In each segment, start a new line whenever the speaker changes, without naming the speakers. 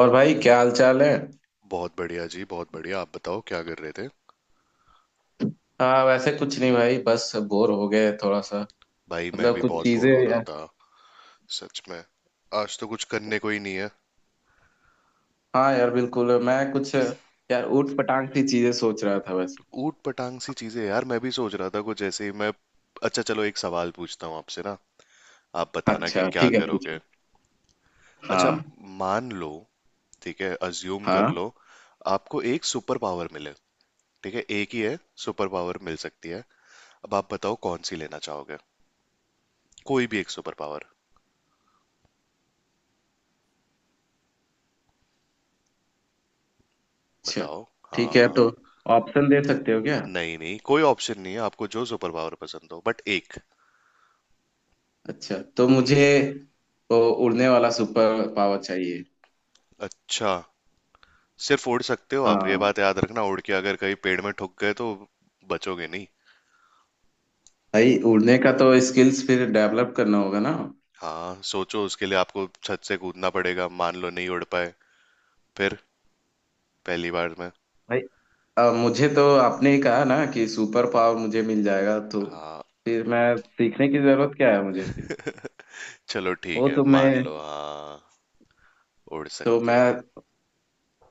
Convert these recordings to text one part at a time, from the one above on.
और भाई, क्या हाल चाल है।
बहुत बढ़िया जी, बहुत बढ़िया। आप बताओ क्या कर रहे थे।
हाँ, वैसे कुछ नहीं भाई, बस बोर हो गए थोड़ा सा।
भाई मैं
मतलब
भी
कुछ
बहुत
चीजें।
बोर हो रहा था। सच में आज तो कुछ करने को ही नहीं है।
हाँ यार, बिल्कुल। मैं कुछ यार ऊट पटांग सी चीजें सोच रहा था वैसे।
ऊट पटांग सी चीजें यार, मैं भी सोच रहा था कुछ ऐसे ही। मैं अच्छा चलो एक सवाल पूछता हूँ आपसे ना, आप बताना कि
अच्छा,
क्या
ठीक है,
करोगे।
पूछो।
अच्छा,
हाँ।
मान लो, ठीक है अज्यूम कर लो,
हाँ।
आपको एक सुपर पावर मिले। ठीक है, एक ही है सुपर पावर मिल सकती है, अब आप बताओ कौन सी लेना चाहोगे। कोई भी एक सुपर पावर
अच्छा,
बताओ। हाँ
ठीक है
हाँ।
तो ऑप्शन दे सकते हो क्या?
नहीं नहीं, कोई ऑप्शन नहीं है, आपको जो सुपर पावर पसंद हो बट एक।
अच्छा तो
हम्म।
मुझे तो उड़ने वाला सुपर पावर चाहिए।
अच्छा, सिर्फ उड़ सकते हो आप, ये
हाँ।
बात याद रखना, उड़ के अगर कहीं पेड़ में ठुक गए तो बचोगे नहीं।
भाई, उड़ने का तो स्किल्स फिर डेवलप करना होगा ना।
हाँ सोचो, उसके लिए आपको छत से कूदना पड़ेगा, मान लो नहीं उड़ पाए फिर, पहली बार में।
भाई। अब मुझे तो आपने ही कहा ना कि सुपर पावर मुझे मिल जाएगा, तो
हाँ
फिर मैं सीखने की जरूरत क्या है मुझे फिर?
चलो ठीक
वो
है,
तो
मान लो
मैं
हाँ उड़
तो
सकते हो।
मैं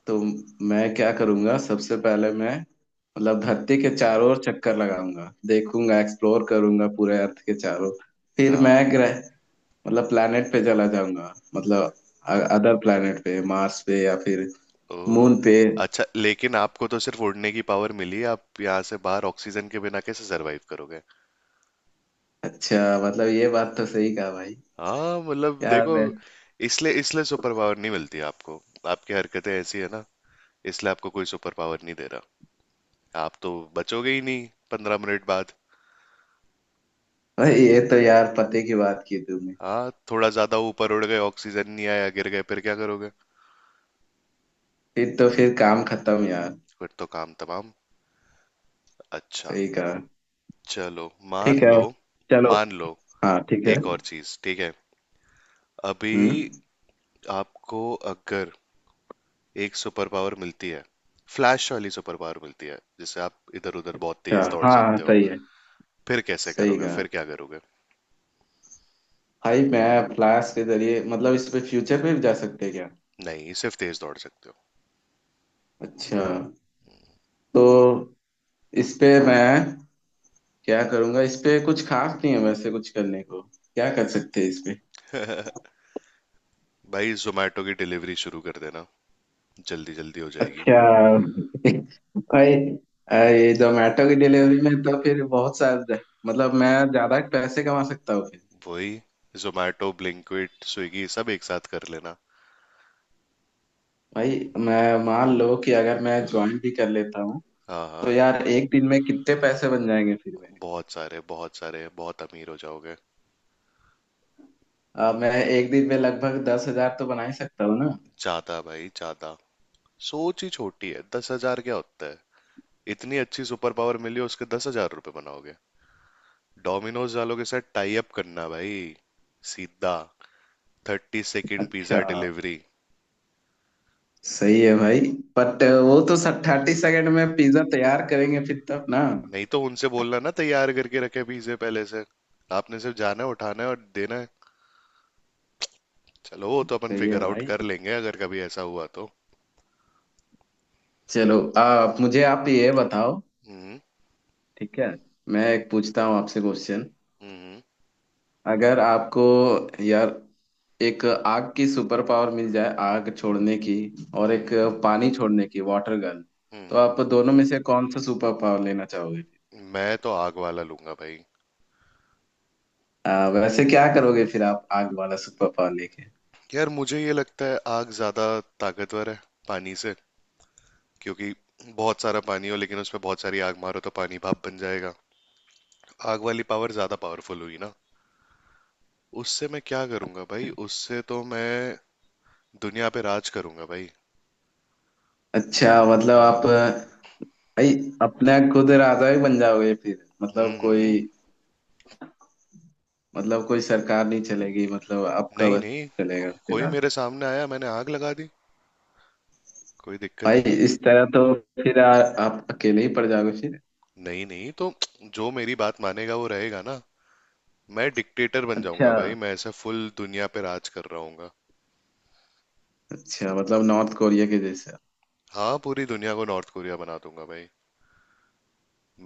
तो क्या करूंगा, सबसे पहले मैं मतलब धरती के चारों ओर चक्कर लगाऊंगा, देखूंगा, एक्सप्लोर करूंगा पूरे अर्थ के चारों। फिर मैं
हाँ।
ग्रह, मतलब planet पे चला जाऊंगा, मतलब अदर planet पे, मार्स पे या फिर
ओ
मून पे।
अच्छा, लेकिन आपको तो सिर्फ उड़ने की पावर मिली है, आप यहाँ से बाहर ऑक्सीजन के बिना कैसे सरवाइव करोगे।
अच्छा, मतलब ये बात तो सही कहा भाई।
हाँ मतलब
यार
देखो,
मैं
इसलिए इसलिए सुपर पावर नहीं मिलती आपको। आपकी हरकतें ऐसी है ना, इसलिए आपको कोई सुपर पावर नहीं दे रहा। आप तो बचोगे ही नहीं 15 मिनट बाद।
भाई, ये तो यार पते की बात की तुमने।
हाँ थोड़ा ज्यादा ऊपर उड़ गए, ऑक्सीजन नहीं आया, गिर गए, फिर क्या करोगे।
फिर तो फिर काम खत्म यार।
फिर तो काम तमाम। अच्छा
सही कहा।
चलो
ठीक
मान
है,
लो,
चलो।
मान लो
हाँ, ठीक है।
एक और चीज, ठीक है अभी
हम्म।
आपको अगर एक सुपर पावर मिलती है, फ्लैश वाली सुपर पावर मिलती है जिससे आप इधर उधर बहुत
क्या?
तेज दौड़
हाँ हाँ,
सकते हो,
सही है।
फिर कैसे
सही
करोगे,
कहा।
फिर क्या करोगे।
भाई मैं फ्लैश के जरिए मतलब इस पे फ्यूचर में भी जा सकते हैं क्या?
नहीं सिर्फ तेज दौड़ सकते
अच्छा। तो इस पे मैं क्या करूंगा? इस पे कुछ खास नहीं है वैसे, कुछ करने को। क्या कर सकते हैं इस पे?
हो भाई, जोमेटो की डिलीवरी शुरू कर देना, जल्दी जल्दी हो जाएगी।
अच्छा। भाई, ये जोमेटो की डिलीवरी में तो फिर बहुत सारे, मतलब मैं ज्यादा पैसे कमा सकता हूँ।
वही, जोमेटो ब्लिंकिट स्विगी सब एक साथ कर लेना।
भाई मैं मान लो कि अगर मैं ज्वाइन भी कर लेता हूँ,
हाँ हाँ।
तो यार एक दिन में कितने पैसे बन जाएंगे फिर मेरे?
बहुत सारे बहुत सारे, बहुत अमीर हो जाओगे।
मैं एक दिन में लगभग 10,000 तो बना ही सकता हूँ ना।
ज्यादा भाई ज्यादा, सोच ही छोटी है, 10 हज़ार क्या होता है। इतनी अच्छी सुपर पावर मिली उसके 10 हज़ार रुपये बनाओगे। डोमिनोज वालों के साथ टाई अप करना भाई, सीधा 30 सेकंड
अच्छा,
पिज्जा डिलीवरी।
सही है भाई। बट वो तो 30 सेकेंड में पिज्जा तैयार करेंगे फिर तब ना?
नहीं तो उनसे बोलना ना, तैयार करके रखे पिज्जे पहले से, आपने सिर्फ जाना है, उठाना है और देना है। चलो वो तो अपन
सही है
फिगर आउट
भाई।
कर लेंगे अगर कभी ऐसा हुआ तो।
चलो, मुझे आप ये बताओ।
हम्म
ठीक है। मैं एक पूछता हूँ आपसे क्वेश्चन।
हम्म
अगर आपको यार एक आग की सुपर पावर मिल जाए, आग छोड़ने की, और एक
हम्म
पानी छोड़ने की, वाटर गन, तो
हम्म।
आप दोनों में से कौन सा सुपर पावर लेना चाहोगे?
मैं तो आग वाला लूंगा भाई।
वैसे क्या करोगे फिर आप आग वाला सुपर पावर लेके?
यार मुझे ये लगता है आग ज्यादा ताकतवर है पानी से, क्योंकि बहुत सारा पानी हो लेकिन उसमें बहुत सारी आग मारो तो पानी भाप बन जाएगा। आग वाली पावर ज्यादा पावरफुल हुई ना। उससे मैं क्या करूंगा भाई, उससे तो मैं दुनिया पे राज करूंगा भाई।
अच्छा, मतलब आप
हाँ।
भाई अपने खुद राजा ही बन जाओगे फिर। मतलब कोई
हम्म।
मतलब कोई सरकार नहीं चलेगी, मतलब आपका
नहीं
बस
नहीं,
चलेगा फिर
कोई
आप।
मेरे सामने आया मैंने आग लगा दी, कोई दिक्कत
भाई,
ही नहीं।
इस तरह तो फिर आप अकेले ही पड़ जाओगे फिर।
नहीं नहीं तो, जो मेरी बात मानेगा वो रहेगा ना। मैं डिक्टेटर बन जाऊंगा
अच्छा।
भाई, मैं ऐसा फुल दुनिया पे राज कर रहा हूँ।
अच्छा, मतलब नॉर्थ कोरिया के जैसे?
हाँ पूरी दुनिया को नॉर्थ कोरिया बना दूंगा भाई,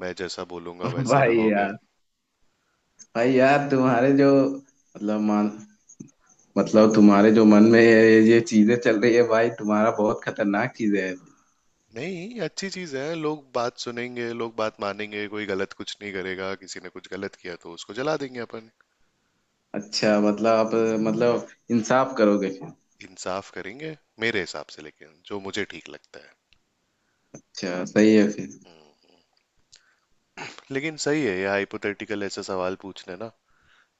मैं जैसा बोलूंगा वैसे
भाई
रहोगे।
यार भाई यार तुम्हारे जो मतलब मान, मतलब तुम्हारे जो मन में ये चीजें चल रही है भाई, तुम्हारा बहुत खतरनाक चीजें है।
नहीं अच्छी चीज है, लोग बात सुनेंगे, लोग बात मानेंगे, कोई गलत कुछ नहीं करेगा, किसी ने कुछ गलत किया तो उसको जला देंगे अपन।
अच्छा, मतलब आप मतलब इंसाफ करोगे फिर?
इंसाफ करेंगे मेरे हिसाब से, लेकिन जो मुझे ठीक लगता है।
अच्छा, सही है फिर।
लेकिन सही है ये, हाइपोथेटिकल ऐसा सवाल पूछने ना,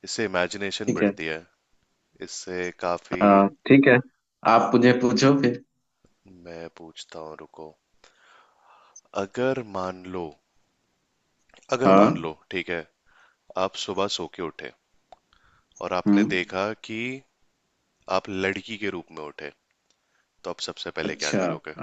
इससे इमेजिनेशन
ठीक है।
बढ़ती है, इससे काफी।
हाँ, ठीक है। आप मुझे पूछो फिर।
मैं पूछता हूँ रुको, अगर मान लो अगर मान
हाँ।
लो ठीक है, आप सुबह सो के उठे और आपने
हम्म।
देखा कि आप लड़की के रूप में उठे, तो आप सबसे पहले क्या
अच्छा,
करोगे।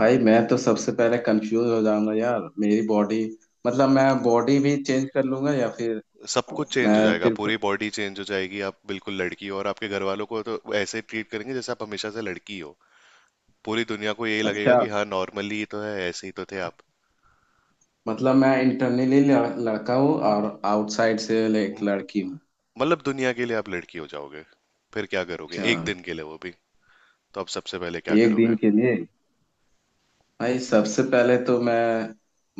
भाई मैं तो सबसे पहले कंफ्यूज हो जाऊंगा यार। मेरी बॉडी, मतलब मैं बॉडी भी चेंज कर लूंगा या फिर
सब कुछ चेंज हो
मैं
जाएगा,
सिर्फ?
पूरी बॉडी चेंज हो जाएगी, आप बिल्कुल लड़की हो और आपके घर वालों को तो ऐसे ही ट्रीट करेंगे जैसे आप हमेशा से लड़की हो। पूरी दुनिया को यही लगेगा
अच्छा,
कि हाँ नॉर्मली ही तो है, ऐसे ही तो थे आप।
मतलब मैं इंटरनली लड़का हूँ और आउटसाइड से
म-
एक लड़की हूँ।
मतलब दुनिया के लिए आप लड़की हो जाओगे, फिर क्या करोगे,
अच्छा,
एक दिन के लिए, वो भी, तो अब सबसे पहले क्या
एक
करोगे।
दिन के लिए। भाई सबसे पहले तो मैं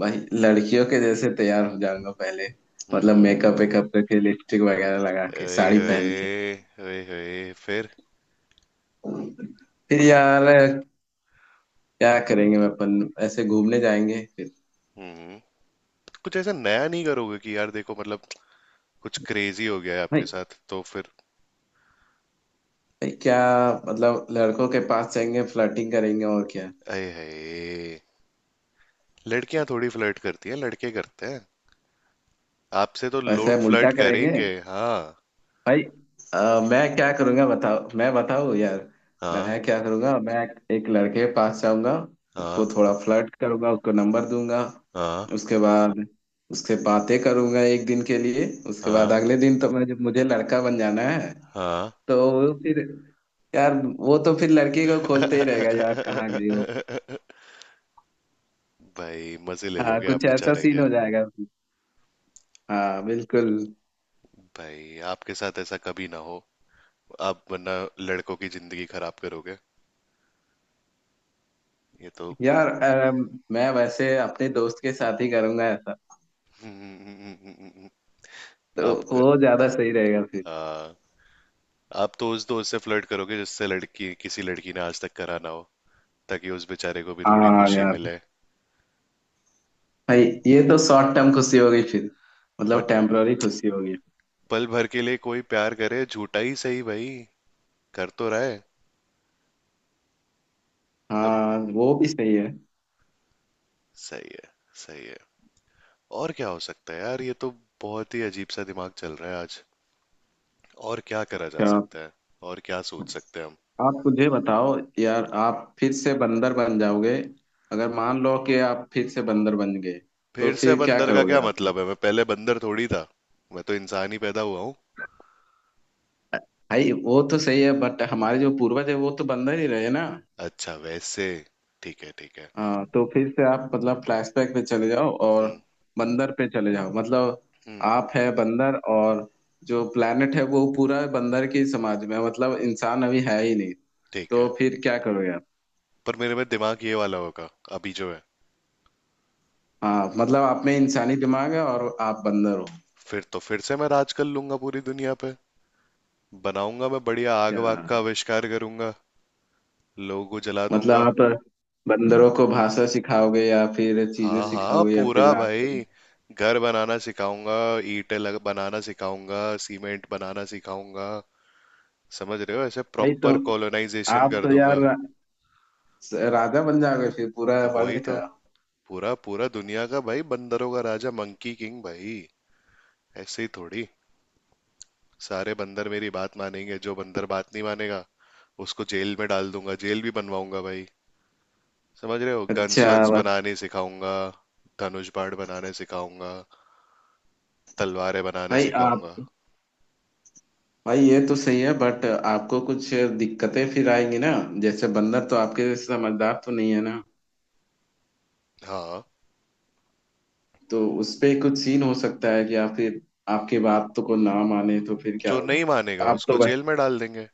भाई, लड़कियों के जैसे तैयार हो जाऊंगा पहले। मतलब
हम्म।
मेकअप वेकअप करके, लिपस्टिक वगैरह लगा के,
ओए
साड़ी पहन के।
होए, ओए होए फिर।
फिर यार क्या करेंगे, मैं अपन ऐसे घूमने जाएंगे फिर।
हम्म। कुछ ऐसा नया नहीं करोगे कि यार देखो, मतलब कुछ क्रेजी हो गया है
भाई,
आपके साथ, तो फिर?
भाई क्या, मतलब लड़कों के पास जाएंगे, फ्लर्टिंग करेंगे और क्या?
अये हये, लड़कियां थोड़ी फ्लर्ट करती हैं, लड़के करते हैं, आपसे तो
वैसे
लोग
हम उल्टा
फ्लर्ट
करेंगे।
करेंगे। हाँ
भाई, अ, मैं क्या करूंगा बताओ, मैं बताऊं यार?
हाँ
मैं क्या करूंगा, मैं एक लड़के के पास जाऊंगा, उसको
हाँ
थोड़ा फ्लर्ट करूंगा, उसको नंबर दूंगा।
हाँ
उसके बाद उससे बातें करूंगा एक दिन के लिए। उसके बाद
हाँ
अगले दिन तो मैं, मुझे लड़का बन जाना है
हाँ।
तो फिर यार वो तो फिर लड़की को खोजते ही रहेगा यार, कहाँ गई वो?
भाई मजे ले
हाँ,
लोगे आप
कुछ ऐसा
बेचारे
सीन
के।
हो जाएगा फिर। हाँ, बिल्कुल।
भाई आपके साथ ऐसा कभी ना हो, आप वरना लड़कों की जिंदगी खराब करोगे, ये तो।
यार, मैं वैसे अपने दोस्त के साथ ही करूंगा ऐसा,
हम्म।
तो
आप क-
वो ज्यादा सही रहेगा फिर।
आ, आप तो उस दोस्त से फ्लर्ट करोगे जिससे लड़की, किसी लड़की ने आज तक करा ना हो, ताकि उस बेचारे को भी थोड़ी
हाँ
खुशी
यार।
मिले।
भाई, ये तो शॉर्ट टर्म खुशी हो गई फिर,
बट
मतलब टेम्पररी खुशी हो गई।
पल भर के लिए कोई प्यार करे, झूठा ही सही भाई, कर तो रहा है मतलब।
हाँ, वो भी सही है।
सही है, सही है, और क्या हो सकता है यार, ये तो बहुत ही अजीब सा दिमाग चल रहा है आज, और क्या करा जा
अच्छा,
सकता है, और क्या सोच सकते हैं हम।
आप मुझे बताओ। यार, आप फिर से बंदर बन जाओगे अगर मान लो कि आप फिर से बंदर बन गए, तो
फिर से
फिर क्या
बंदर का
करोगे
क्या
आपने?
मतलब है, मैं पहले बंदर थोड़ी था। मैं तो इंसान ही पैदा हुआ हूँ।
भाई, वो तो सही है बट हमारे जो पूर्वज है वो तो बंदर ही रहे ना।
अच्छा वैसे, ठीक है ठीक है।
हाँ, तो फिर से आप मतलब फ्लैशबैक पे चले जाओ और
हम्म
बंदर पे चले जाओ, मतलब
हम्म।
आप है बंदर, और जो प्लेनेट है वो पूरा बंदर की समाज में है, मतलब इंसान अभी है ही नहीं।
ठीक
तो
है,
फिर क्या करोगे आप?
पर मेरे में दिमाग ये वाला होगा अभी जो है।
हाँ, मतलब आप में इंसानी दिमाग है और आप बंदर हो।
फिर तो फिर से मैं राज कर लूंगा पूरी दुनिया पे, बनाऊंगा मैं बढ़िया आग
क्या?
वाग का आविष्कार करूंगा, लोगों को जला
मतलब
दूंगा।
आप बंदरों को भाषा सिखाओगे या फिर चीजें
हाँ हाँ
सिखाओगे या फिर
पूरा
राज करोगे?
भाई, घर बनाना सिखाऊंगा, ईंटें लग बनाना सिखाऊंगा, सीमेंट बनाना सिखाऊंगा, समझ रहे हो, ऐसे
भाई, तो
प्रॉपर कॉलोनाइजेशन
आप
कर
तो यार
दूंगा।
राजा बन जाओगे फिर पूरा
तो वही
वर्ल्ड
तो,
का।
पूरा पूरा दुनिया का भाई, बंदरों का राजा, मंकी किंग भाई। ऐसे ही थोड़ी, सारे बंदर मेरी बात मानेंगे, जो बंदर बात नहीं मानेगा उसको जेल में डाल दूंगा, जेल भी बनवाऊंगा भाई, समझ रहे हो,
अच्छा।
गन्स वन्स
बस।
बनाने सिखाऊंगा, धनुष बाण बनाने सिखाऊंगा, तलवारें बनाने
भाई आप,
सिखाऊंगा।
भाई, ये तो सही है बट आपको कुछ दिक्कतें फिर आएंगी ना। जैसे बंदर तो आपके जैसे समझदार तो नहीं है ना,
हाँ,
तो उस पे कुछ सीन हो सकता है कि आप फिर, आपकी बात तो को ना माने तो फिर क्या
जो
होगा?
नहीं मानेगा
आप
उसको
तो वै-
जेल में डाल देंगे,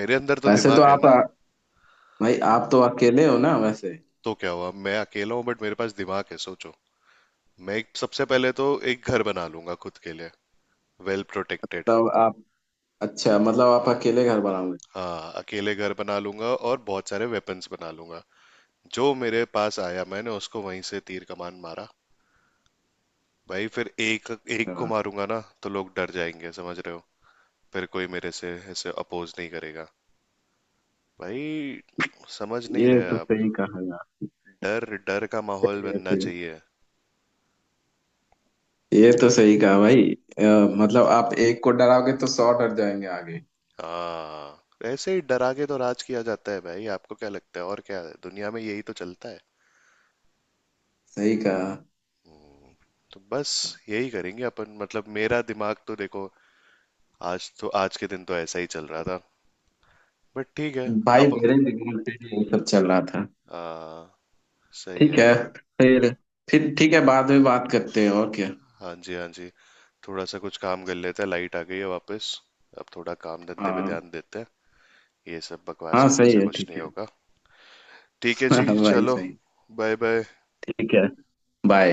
मेरे अंदर तो
वैसे तो
दिमाग है
आप
ना।
भाई, आप तो अकेले हो ना वैसे?
तो क्या हुआ मैं अकेला हूँ, बट मेरे पास दिमाग है, सोचो। सबसे पहले तो एक घर बना लूंगा खुद के लिए, वेल प्रोटेक्टेड।
तब आप, अच्छा, मतलब आप
हाँ,
अकेले घर बनाओगे?
हाँ अकेले घर बना लूंगा और बहुत सारे वेपन्स बना लूंगा, जो मेरे पास आया मैंने उसको वहीं से तीर कमान मारा। भाई फिर, एक एक को
हाँ।
मारूंगा ना तो लोग डर जाएंगे, समझ रहे हो, फिर कोई मेरे से ऐसे अपोज नहीं करेगा भाई, समझ नहीं
ये
रहे
तो
आप।
सही कहा यार।
डर डर का माहौल
ये
बनना
फिर,
चाहिए।
ये तो सही कहा भाई। अ, मतलब आप एक को डराओगे तो 100 डर जाएंगे आगे।
हाँ ऐसे ही डरा के तो राज किया जाता है भाई, आपको क्या लगता है, और क्या है दुनिया में, यही तो चलता है।
सही कहा।
तो बस, यही करेंगे अपन, मतलब मेरा दिमाग तो देखो, आज तो, आज के दिन तो ऐसा ही चल रहा था, बट ठीक है
भाई,
अब।
मेरे दिमाग पे भी ये सब चल रहा था।
हाँ सही
ठीक
है।
है। फिर फिर ठीक है, बाद में बात करते हैं और क्या।
हाँ जी, हाँ जी, थोड़ा सा कुछ काम कर लेते हैं, लाइट आ गई है वापस, अब थोड़ा काम धंधे पे
हाँ,
ध्यान देते हैं। ये सब बकवास
हाँ
करने
सही
से
है,
कुछ
ठीक
नहीं
है।
होगा। ठीक है
हाँ
जी,
भाई,
चलो।
सही।
Bye bye.
ठीक है। बाय।